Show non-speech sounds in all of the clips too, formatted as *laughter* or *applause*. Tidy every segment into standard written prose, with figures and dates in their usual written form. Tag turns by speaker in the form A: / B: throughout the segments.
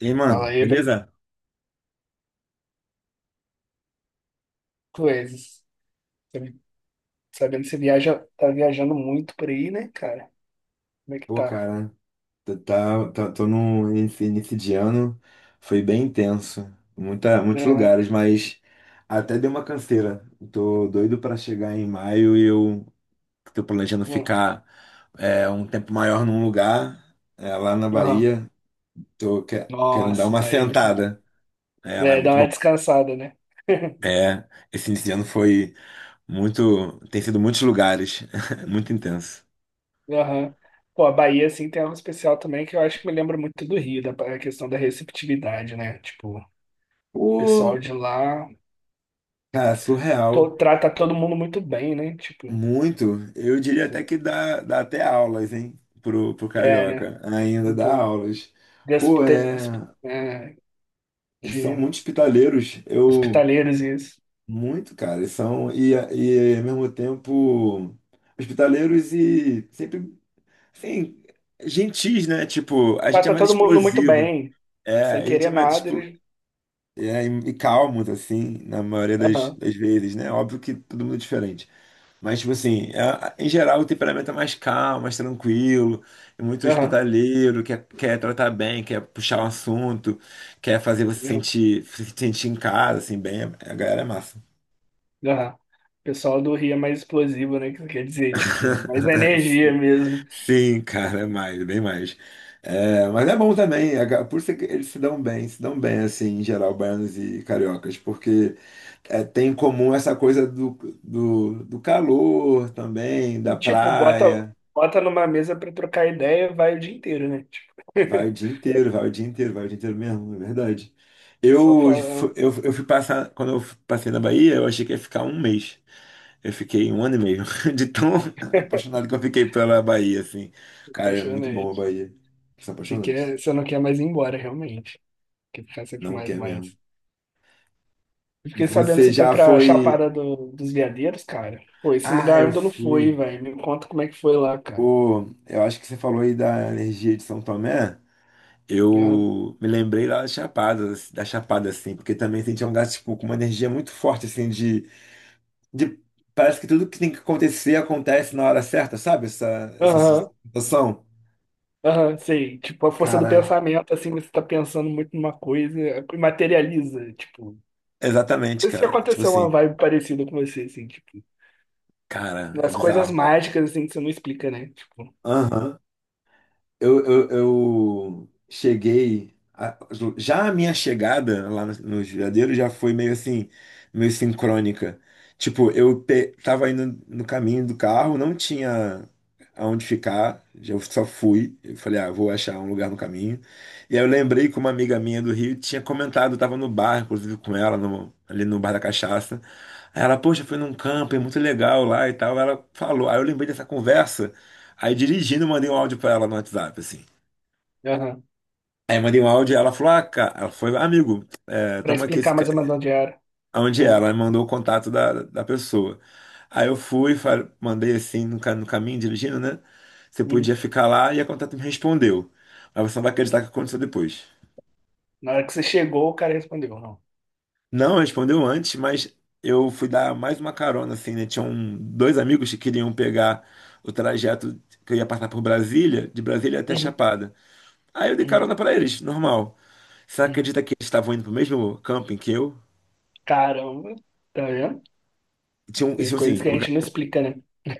A: E aí,
B: Fala
A: mano,
B: aí,
A: beleza?
B: Brancos. Sabendo que você viaja, tá viajando muito por aí, né, cara? Como é que
A: Pô,
B: tá?
A: cara, tô no esse início de ano, foi bem intenso, muitos
B: Aham,
A: lugares, mas até deu uma canseira. Tô doido pra chegar em maio e eu tô planejando
B: aham,
A: ficar um tempo maior num lugar, lá na
B: aham.
A: Bahia. Tô querendo dar
B: Nossa,
A: uma *laughs*
B: Bahia é muito bom.
A: sentada. É, lá é
B: É, dá
A: muito
B: uma
A: bom.
B: descansada, né? *laughs*
A: É, esse início de ano foi tem sido muitos lugares, *laughs* muito intenso.
B: Aham. Pô, a Bahia, assim, tem algo especial também que eu acho que me lembra muito do Rio, da a questão da receptividade, né? Tipo, o pessoal
A: Pô,
B: de lá
A: cara, surreal.
B: trata todo mundo muito bem, né? Tipo,
A: Muito, eu diria até que dá até aulas, hein, pro
B: é, né?
A: carioca, ainda
B: Um
A: dá
B: pouco.
A: aulas.
B: De,
A: Pô,
B: hospi-
A: é,
B: é,
A: eles são
B: de
A: muito hospitaleiros, eu,
B: hospitaleiros e isso.
A: muito, cara, eles são, e ao mesmo tempo, hospitaleiros e sempre, assim, gentis, né, tipo, a
B: Tá,
A: gente é
B: tá
A: mais
B: todo mundo muito
A: explosivo,
B: bem,
A: é,
B: sem
A: a gente é
B: querer
A: mais,
B: nada.
A: explo-
B: Eles...
A: é, e, e calmos, assim, na maioria das,
B: Aham,
A: das vezes, né, óbvio que todo mundo é diferente. Mas, tipo assim, em geral o temperamento é mais calmo, mais tranquilo, é muito
B: aham,
A: hospitaleiro, quer tratar bem, quer puxar o assunto, quer fazer você
B: aham,
A: se sentir em casa, assim, bem. A galera é massa.
B: aham. O pessoal do Rio é mais explosivo, né? Quer dizer, tipo, mais
A: *laughs*
B: energia mesmo.
A: Sim, cara, é mais, bem mais. É, mas é bom também, por isso que eles se dão bem, assim, em geral, baianos e cariocas, porque tem em comum essa coisa do, do calor também, da
B: E, tipo, bota,
A: praia.
B: bota numa mesa pra trocar ideia, vai o dia inteiro, né? Tipo,
A: Vai o
B: *laughs*
A: dia inteiro, vai o dia inteiro, vai o dia inteiro mesmo, é verdade.
B: só
A: Eu, fu-
B: falando,
A: eu, eu fui passar, quando passei na Bahia, eu achei que ia ficar um mês. Eu fiquei um ano e meio, *laughs* de tão apaixonado que eu fiquei pela Bahia, assim. Cara, é muito bom a
B: apaixonante.
A: Bahia. São
B: Você
A: apaixonantes.
B: quer, você não quer mais ir embora, realmente. Quer ficar sempre
A: Não
B: mais,
A: quer
B: mais.
A: mesmo.
B: Eu fiquei sabendo que
A: Você
B: você foi
A: já
B: pra
A: foi.
B: Chapada dos Veadeiros, cara. Pô, esse
A: Ah,
B: lugar
A: eu
B: ainda não foi,
A: fui.
B: velho. Me conta como é que foi lá, cara.
A: Pô, eu acho que você falou aí da energia de São Tomé.
B: Aham,
A: Eu me lembrei lá da Chapada, assim, porque também sentia um lugar, tipo, com uma energia muito forte, assim, de- parece que tudo que tem que acontecer acontece na hora certa, sabe? Essa
B: aham,
A: sensação.
B: aham, sei. Tipo, a força do
A: Cara,
B: pensamento, assim, você tá pensando muito numa coisa e materializa, tipo.
A: exatamente,
B: Não sei se
A: cara. Tipo
B: aconteceu uma
A: assim,
B: vibe parecida com você, assim, tipo.
A: cara, é
B: As coisas
A: bizarro.
B: mágicas, assim, que você não explica, né? Tipo,
A: Aham. Eu cheguei. Já a minha chegada lá no Judiadeiro já foi meio assim, meio sincrônica. Tipo, eu pe tava indo no caminho do carro, não tinha aonde ficar, já eu só fui. Eu falei, ah, vou achar um lugar no caminho. E aí eu lembrei que uma amiga minha do Rio tinha comentado, eu tava no bar, inclusive com ela, ali no bar da cachaça. Aí ela, poxa, foi num camping muito legal lá e tal. Ela falou, aí eu lembrei dessa conversa. Aí dirigindo, mandei um áudio pra ela no WhatsApp, assim.
B: aham.
A: Aí mandei um áudio e ela falou, ah, cara, ela foi, amigo,
B: Pra
A: toma aqui.
B: explicar mais ou menos onde era.
A: Onde é?
B: Aham,
A: Ela me mandou o contato da pessoa. Aí mandei assim no caminho, dirigindo, né? Você
B: uhum.
A: podia ficar lá e a contato me respondeu. Mas você não vai acreditar o que aconteceu depois.
B: Na hora que você chegou, o cara respondeu, não.
A: Não, respondeu antes, mas eu fui dar mais uma carona, assim, né? Tinha um dois amigos que queriam pegar o trajeto que eu ia passar por Brasília, de Brasília até
B: Uhum,
A: Chapada. Aí eu dei
B: uhum,
A: carona pra eles, normal. Você
B: uhum.
A: acredita que eles estavam indo pro mesmo camping que eu?
B: Caramba, tá vendo?
A: E tinha um, e,
B: Tem
A: tipo
B: coisas
A: assim,
B: que a
A: lugar,
B: gente não explica, né?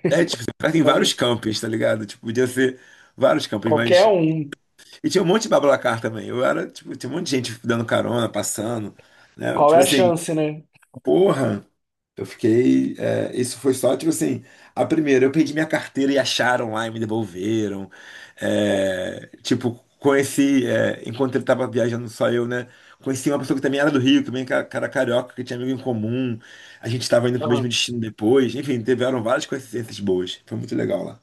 A: tipo, esse lugar tem vários
B: Maneiro.
A: campings, tá ligado? Tipo, podia ser vários campings,
B: Qualquer
A: mas.
B: um.
A: E tinha um monte de Bablacar também. Eu era, tipo, tinha um monte de gente dando carona, passando, né?
B: Qual
A: Tipo
B: é a
A: assim,
B: chance, né?
A: porra. Eu fiquei. Isso foi só, tipo assim, a primeira, eu perdi minha carteira e acharam lá e me devolveram. É, tipo, conheci, enquanto ele tava viajando, só eu, né? Conheci uma pessoa que também era do Rio, também cara carioca, que tinha amigo em comum. A gente tava indo pro mesmo
B: Aham.
A: destino depois. Enfim, tiveram várias coincidências boas. Foi muito legal lá.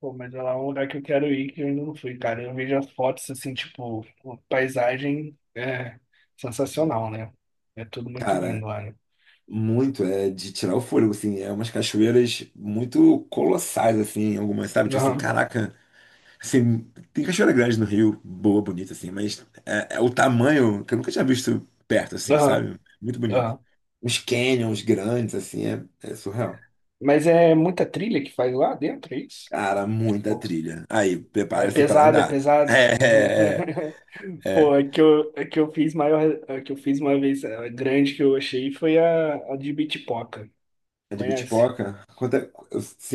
B: Pô, mas lá é lá um lugar que eu quero ir que eu ainda não fui, cara. Eu vejo as fotos assim, tipo, uma paisagem é sensacional, né? É tudo muito
A: Cara,
B: lindo lá, né?
A: muito, é de tirar o fôlego, assim. É umas cachoeiras muito colossais, assim, algumas, sabe? Tipo assim,
B: Aham,
A: caraca. Assim, tem cachoeira grande no Rio, boa, bonita, assim, mas é o tamanho que eu nunca tinha visto perto, assim,
B: aham,
A: sabe? Muito bonito.
B: aham.
A: Uns canyons grandes, assim, é surreal.
B: Mas é muita trilha que faz lá dentro, é isso?
A: Cara, muita
B: Pô,
A: trilha. Aí,
B: é
A: prepara-se para
B: pesado, é
A: andar. *laughs*
B: pesado.
A: É, é.
B: *laughs*
A: É.
B: Pô, a que eu fiz uma vez a grande que eu achei foi a de Bitpoca.
A: É De
B: Conhece?
A: Bitipoca? Quanta,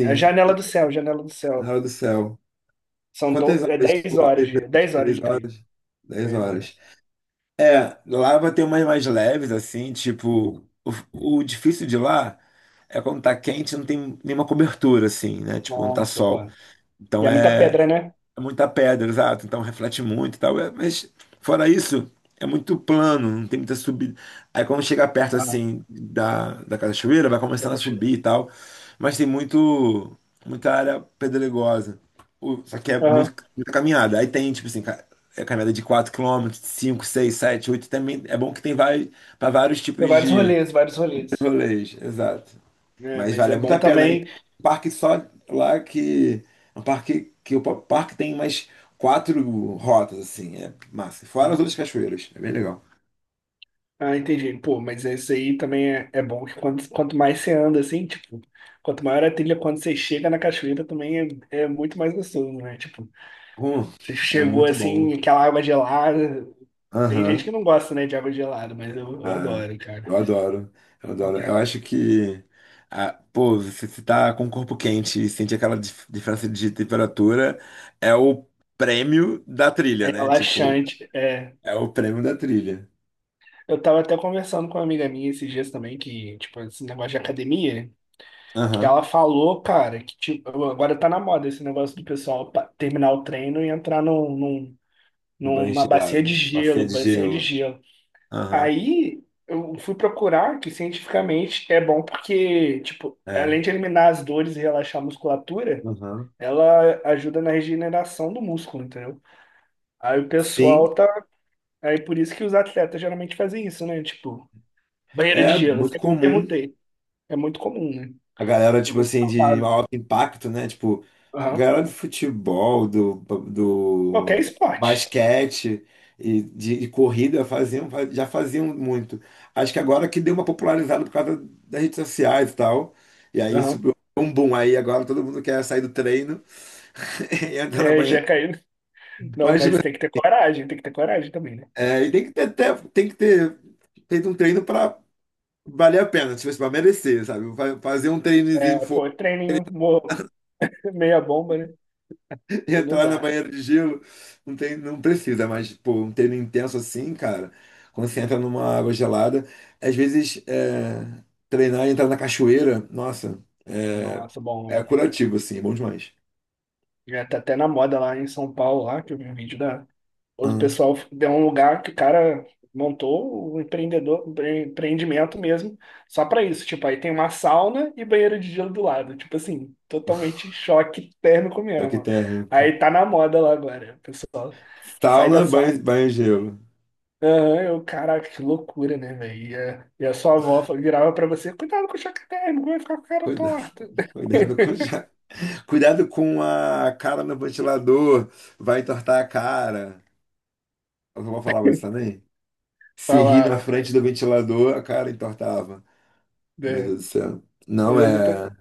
B: É a Janela do Céu, Janela do
A: na
B: Céu.
A: hora do céu. Quantas horas?
B: É
A: Você fez?
B: 10 horas
A: Três
B: de trilha.
A: horas? Dez
B: 10 horas.
A: horas. É, lá vai ter umas mais leves, assim, tipo, o, o difícil de lá é quando tá quente e não tem nenhuma cobertura, assim, né? Tipo, não tá
B: Nossa, pô.
A: sol.
B: E
A: Então
B: é muita pedra,
A: é,
B: né?
A: é muita pedra, exato. Então reflete muito e tal. Mas fora isso, é muito plano, não tem muita subida. Aí quando chega perto
B: Ah,
A: assim da cachoeira, vai
B: dá
A: começando a
B: pra chegar.
A: subir e tal. Mas tem muito muita área pedregosa. Só que é
B: Aham.
A: muita caminhada. Aí tem, tipo assim, é caminhada de 4 quilômetros, 5, 6, 7, 8 também. É bom que tem vai para vários
B: Tem
A: tipos
B: vários
A: de
B: rolês, vários rolês.
A: rolês, exato.
B: É,
A: Mas
B: mas
A: vale
B: é
A: muito a
B: bom
A: pena. Aí
B: também.
A: tem um parque só lá que. É um parque que o parque tem mais quatro rotas, assim. É massa. Fora as outras cachoeiras. É bem legal.
B: Ah, entendi. Pô, mas esse aí também é bom que quanto mais você anda, assim, tipo, quanto maior a trilha, quando você chega na cachoeira também é muito mais gostoso, né? Tipo,
A: Hum,
B: você
A: é
B: chegou
A: muito bom.
B: assim, aquela água gelada. Tem gente que
A: Aham.
B: não gosta, né, de água gelada, mas eu
A: Ah,
B: adoro, cara.
A: eu adoro. Eu adoro. Eu
B: Qualquer...
A: acho que. Ah, pô, se você tá com o corpo quente e sente aquela diferença de temperatura, é o prêmio da trilha,
B: É
A: né? Tipo,
B: relaxante. É.
A: é o prêmio da trilha.
B: Eu tava até conversando com uma amiga minha esses dias também, que, tipo, esse negócio de academia. Que ela
A: Aham.
B: falou, cara, que tipo, agora tá na moda esse negócio do pessoal terminar o treino e entrar
A: O banho
B: numa bacia de
A: gelado. Bacia
B: gelo,
A: de
B: bacia de
A: gelo.
B: gelo.
A: Aham.
B: Aí eu fui procurar que cientificamente é bom porque, tipo, além
A: É.
B: de eliminar as dores e relaxar a musculatura,
A: Aham.
B: ela ajuda na regeneração do músculo, entendeu? Aí o
A: Sim,
B: pessoal tá. Aí por isso que os atletas geralmente fazem isso, né? Tipo, banheira de
A: é
B: gelo. Eu
A: muito
B: sempre
A: comum
B: perguntei. É muito comum, né?
A: a galera,
B: É
A: tipo
B: muito
A: assim, de
B: saudável.
A: alto impacto, né? Tipo, a
B: Aham.
A: galera do futebol, do,
B: Qualquer
A: do
B: esporte.
A: basquete e de corrida já faziam muito. Acho que agora que deu uma popularizada por causa das redes sociais e tal. E aí
B: Aham.
A: subiu um boom. Aí agora todo mundo quer sair do treino *laughs* e entrar na
B: É,
A: banheira.
B: já caiu. Não,
A: Mas, tipo,
B: mas tem que ter coragem, tem que ter coragem também, né?
A: e tem que ter feito um treino pra valer a pena, tipo assim, pra merecer, sabe? Fazer um treinozinho
B: É, pô, treininho, meia bomba, né?
A: *laughs* e
B: Não
A: entrar na
B: dá.
A: banheira de gelo não tem, não precisa, mas pô, um treino intenso assim, cara, quando você entra numa água gelada, às vezes treinar e entrar na cachoeira, nossa, é,
B: Nossa, bom,
A: é
B: hein?
A: curativo assim, é bom demais.
B: Já tá até na moda lá em São Paulo, lá, que eu vi um vídeo da. O
A: Ah,
B: pessoal deu um lugar que o cara montou o empreendimento mesmo, só pra isso. Tipo, aí tem uma sauna e banheiro de gelo do lado. Tipo assim, totalmente choque térmico
A: toque
B: mesmo.
A: térmico.
B: Aí tá na moda lá agora. O pessoal sai da
A: Sauna,
B: sauna.
A: banho de gelo.
B: Aham, eu, caraca, que loucura, né, velho? E, e a sua avó virava pra você, cuidado com o choque térmico, vai ficar com a cara
A: Cuidado,
B: torta.
A: *laughs* cuidado com, já- cuidado com a cara no ventilador, vai entortar a cara. Eu não vou falar isso também. Se rir na
B: Falava, cara,
A: frente do ventilador, a cara entortava. Meu
B: né?
A: Deus do céu.
B: Mas
A: Não
B: é muita...
A: é.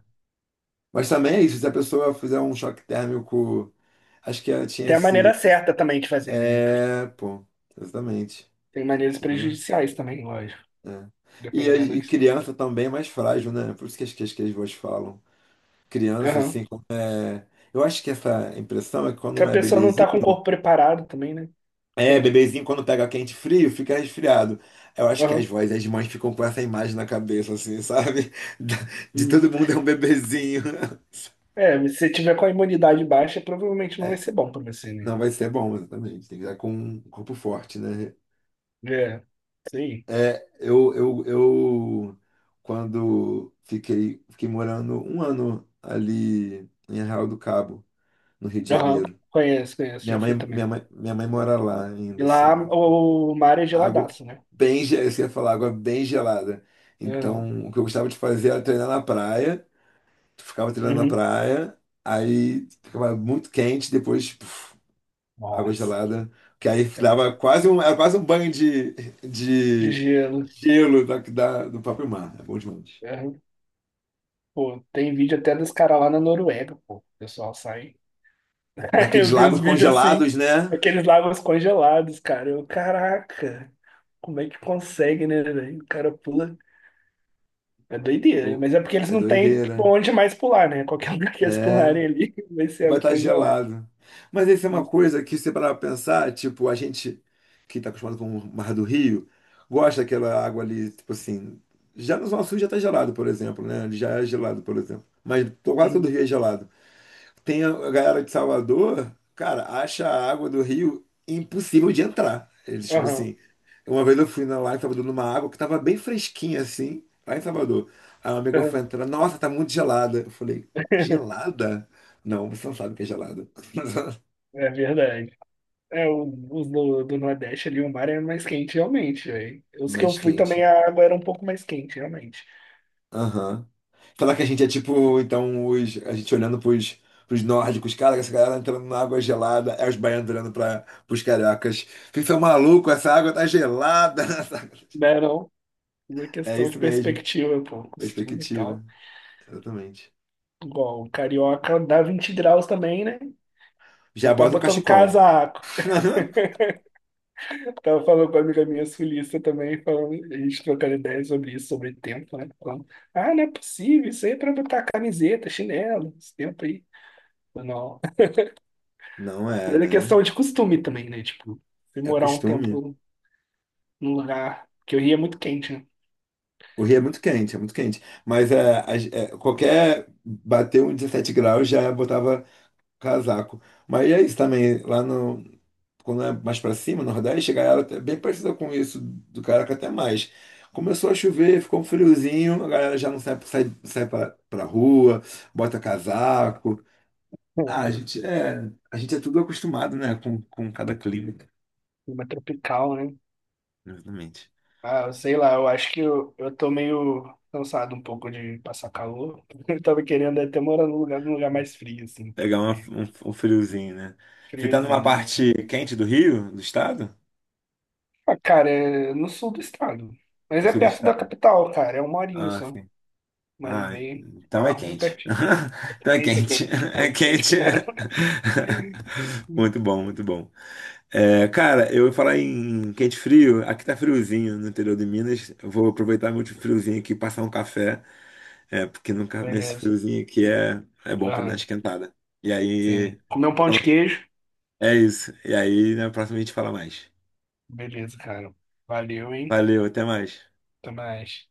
A: Mas também é isso, se a pessoa fizer um choque térmico. Acho que ela tinha
B: Tem a maneira
A: esse.
B: certa também de fazer, né? Porque
A: É, pô, exatamente.
B: tem maneiras prejudiciais também, lógico.
A: É. E, a-
B: Dependendo
A: e
B: que...
A: criança também é mais frágil, né? Por isso que as vozes falam. Criança,
B: Aham.
A: assim. Eu acho que essa impressão é que
B: Se
A: quando
B: a
A: é
B: pessoa não tá
A: bebezinho.
B: com o corpo preparado também, né?
A: É,
B: Entendi.
A: bebezinho, quando pega quente e frio, fica resfriado. Eu acho que as
B: Aham.
A: vozes, as mães ficam com essa imagem na cabeça, assim, sabe? *laughs* De
B: Hum.
A: todo mundo é um bebezinho. *laughs*
B: É, se você tiver com a imunidade baixa, provavelmente não vai ser bom pra você, né?
A: Não vai ser bom, exatamente. Tem que estar com um corpo forte, né?
B: É, sim.
A: É, eu quando fiquei, morando um ano ali em Arraial do Cabo, no Rio de
B: Aham.
A: Janeiro.
B: Conheço, conheço,
A: Minha
B: já
A: mãe,
B: fui também.
A: minha mãe, minha mãe mora lá
B: E
A: ainda,
B: lá
A: assim.
B: o mar é
A: Água
B: geladaço, né?
A: isso que eu ia falar, água bem gelada.
B: Aham.
A: Então, o que eu gostava de fazer era treinar na praia. Ficava treinando na
B: Uhum.
A: praia, aí ficava muito quente, depois. Água
B: Nossa,
A: gelada, que aí
B: aquelas-
A: dava era quase um banho de,
B: De
A: de
B: gelo.
A: gelo do próprio mar. É bom demais.
B: Uhum. Pô, tem vídeo até dos caras lá na Noruega, pô. O pessoal sai. *laughs*
A: Naqueles
B: Eu vi os
A: lagos
B: vídeos assim,
A: congelados, né?
B: aqueles lagos congelados, cara. Eu, caraca, como é que consegue, né, velho? O cara pula. É doideira,
A: O-
B: mas é porque eles
A: É
B: não têm pra
A: doideira.
B: onde mais pular, né? Qualquer *laughs* lugar que eles
A: É,
B: pularem ali *laughs* vai ser
A: vai
B: água
A: estar
B: congelada.
A: gelado. Mas isso é uma coisa que, se você parar pra pensar, tipo, a gente que está acostumado com o Mar do Rio, gosta daquela água ali, tipo assim. Já no Zona Sul já está gelado, por exemplo, né? Já é gelado, por exemplo. Mas quase todo o
B: Uhum.
A: Rio é gelado. Tem a galera de Salvador, cara, acha a água do rio impossível de entrar. Eles, tipo
B: Aham.
A: assim, uma vez eu fui lá em Salvador numa água que tava bem fresquinha assim, lá em Salvador. A minha amiga foi
B: Aham.
A: entrar, nossa, tá muito gelada. Eu falei,
B: *laughs*
A: gelada? Não, você não sabe o que é gelada.
B: É verdade. É, os do Nordeste ali, o mar é mais quente, realmente, velho. Os que eu
A: Mais
B: fui também,
A: quente.
B: a água era um pouco mais quente, realmente.
A: Aham. Falar que a gente é tipo, então, a gente olhando pros nórdicos, cara, essa galera entrando na água gelada, é os baianos olhando para pros cariocas. Vocês são malucos, essa água tá gelada. *laughs*
B: Não, não. Uma
A: É
B: questão de
A: isso mesmo.
B: perspectiva, pô, costume e tal.
A: Perspectiva, exatamente.
B: Igual, o carioca dá 20 graus também, né? Você
A: Já
B: tá
A: bota um
B: botando
A: cachecol.
B: casaco.
A: *laughs*
B: Tava falando com uma amiga minha sulista também, falando, a gente trocando ideias sobre isso, sobre tempo, né? Falando, ah, não é possível, isso aí é pra botar camiseta, chinelo, esse tempo aí. Eu, não.
A: Não é,
B: Mas é
A: né?
B: questão de costume também, né? Tipo, se
A: É
B: morar um
A: costume.
B: tempo num lugar, que o Rio é muito quente, né?
A: O Rio é muito quente, é muito quente. Mas qualquer bater um 17 graus já botava casaco. Mas é isso também, lá no. Quando é mais pra cima, no Nordeste, a galera é bem parecida com isso, do Caraca até mais. Começou a chover, ficou um friozinho, a galera já não sai, sai, sai pra rua, bota casaco. Ah,
B: Pô,
A: a gente é tudo acostumado, né, com cada clima.
B: clima tropical, né?
A: Exatamente.
B: Ah, sei lá, eu acho que eu tô meio cansado um pouco de passar calor. *laughs* Eu tava querendo até morar num lugar mais frio, assim,
A: Pegar uma-
B: porque
A: um, um friozinho, né? Você tá numa
B: friozinho.
A: parte quente do Rio, do estado?
B: Ah, cara, é no sul do estado. Mas
A: No
B: é
A: sul do
B: perto da
A: estado.
B: capital, cara. É uma horinha
A: Ah,
B: só.
A: sim.
B: Uma horinha e
A: Ah,
B: meia de
A: então é
B: carro,
A: quente.
B: pertinho.
A: *laughs* Então é
B: Quente, é
A: quente.
B: quente,
A: *laughs*
B: pô,
A: É
B: é quente
A: quente.
B: pra caramba.
A: *laughs* Muito
B: *laughs*
A: bom, muito bom. É, cara, eu ia falar em quente e frio. Aqui tá friozinho no interior de Minas. Eu vou aproveitar muito o friozinho aqui e passar um café. É, porque nunca, nesse
B: Beleza.
A: friozinho aqui é bom pra dar uma
B: Ah,
A: esquentada. E aí,
B: sim. Comer um pão de queijo.
A: é isso. E aí, na próxima a gente fala mais.
B: Beleza, cara. Valeu, hein?
A: Valeu, até mais.
B: Até mais.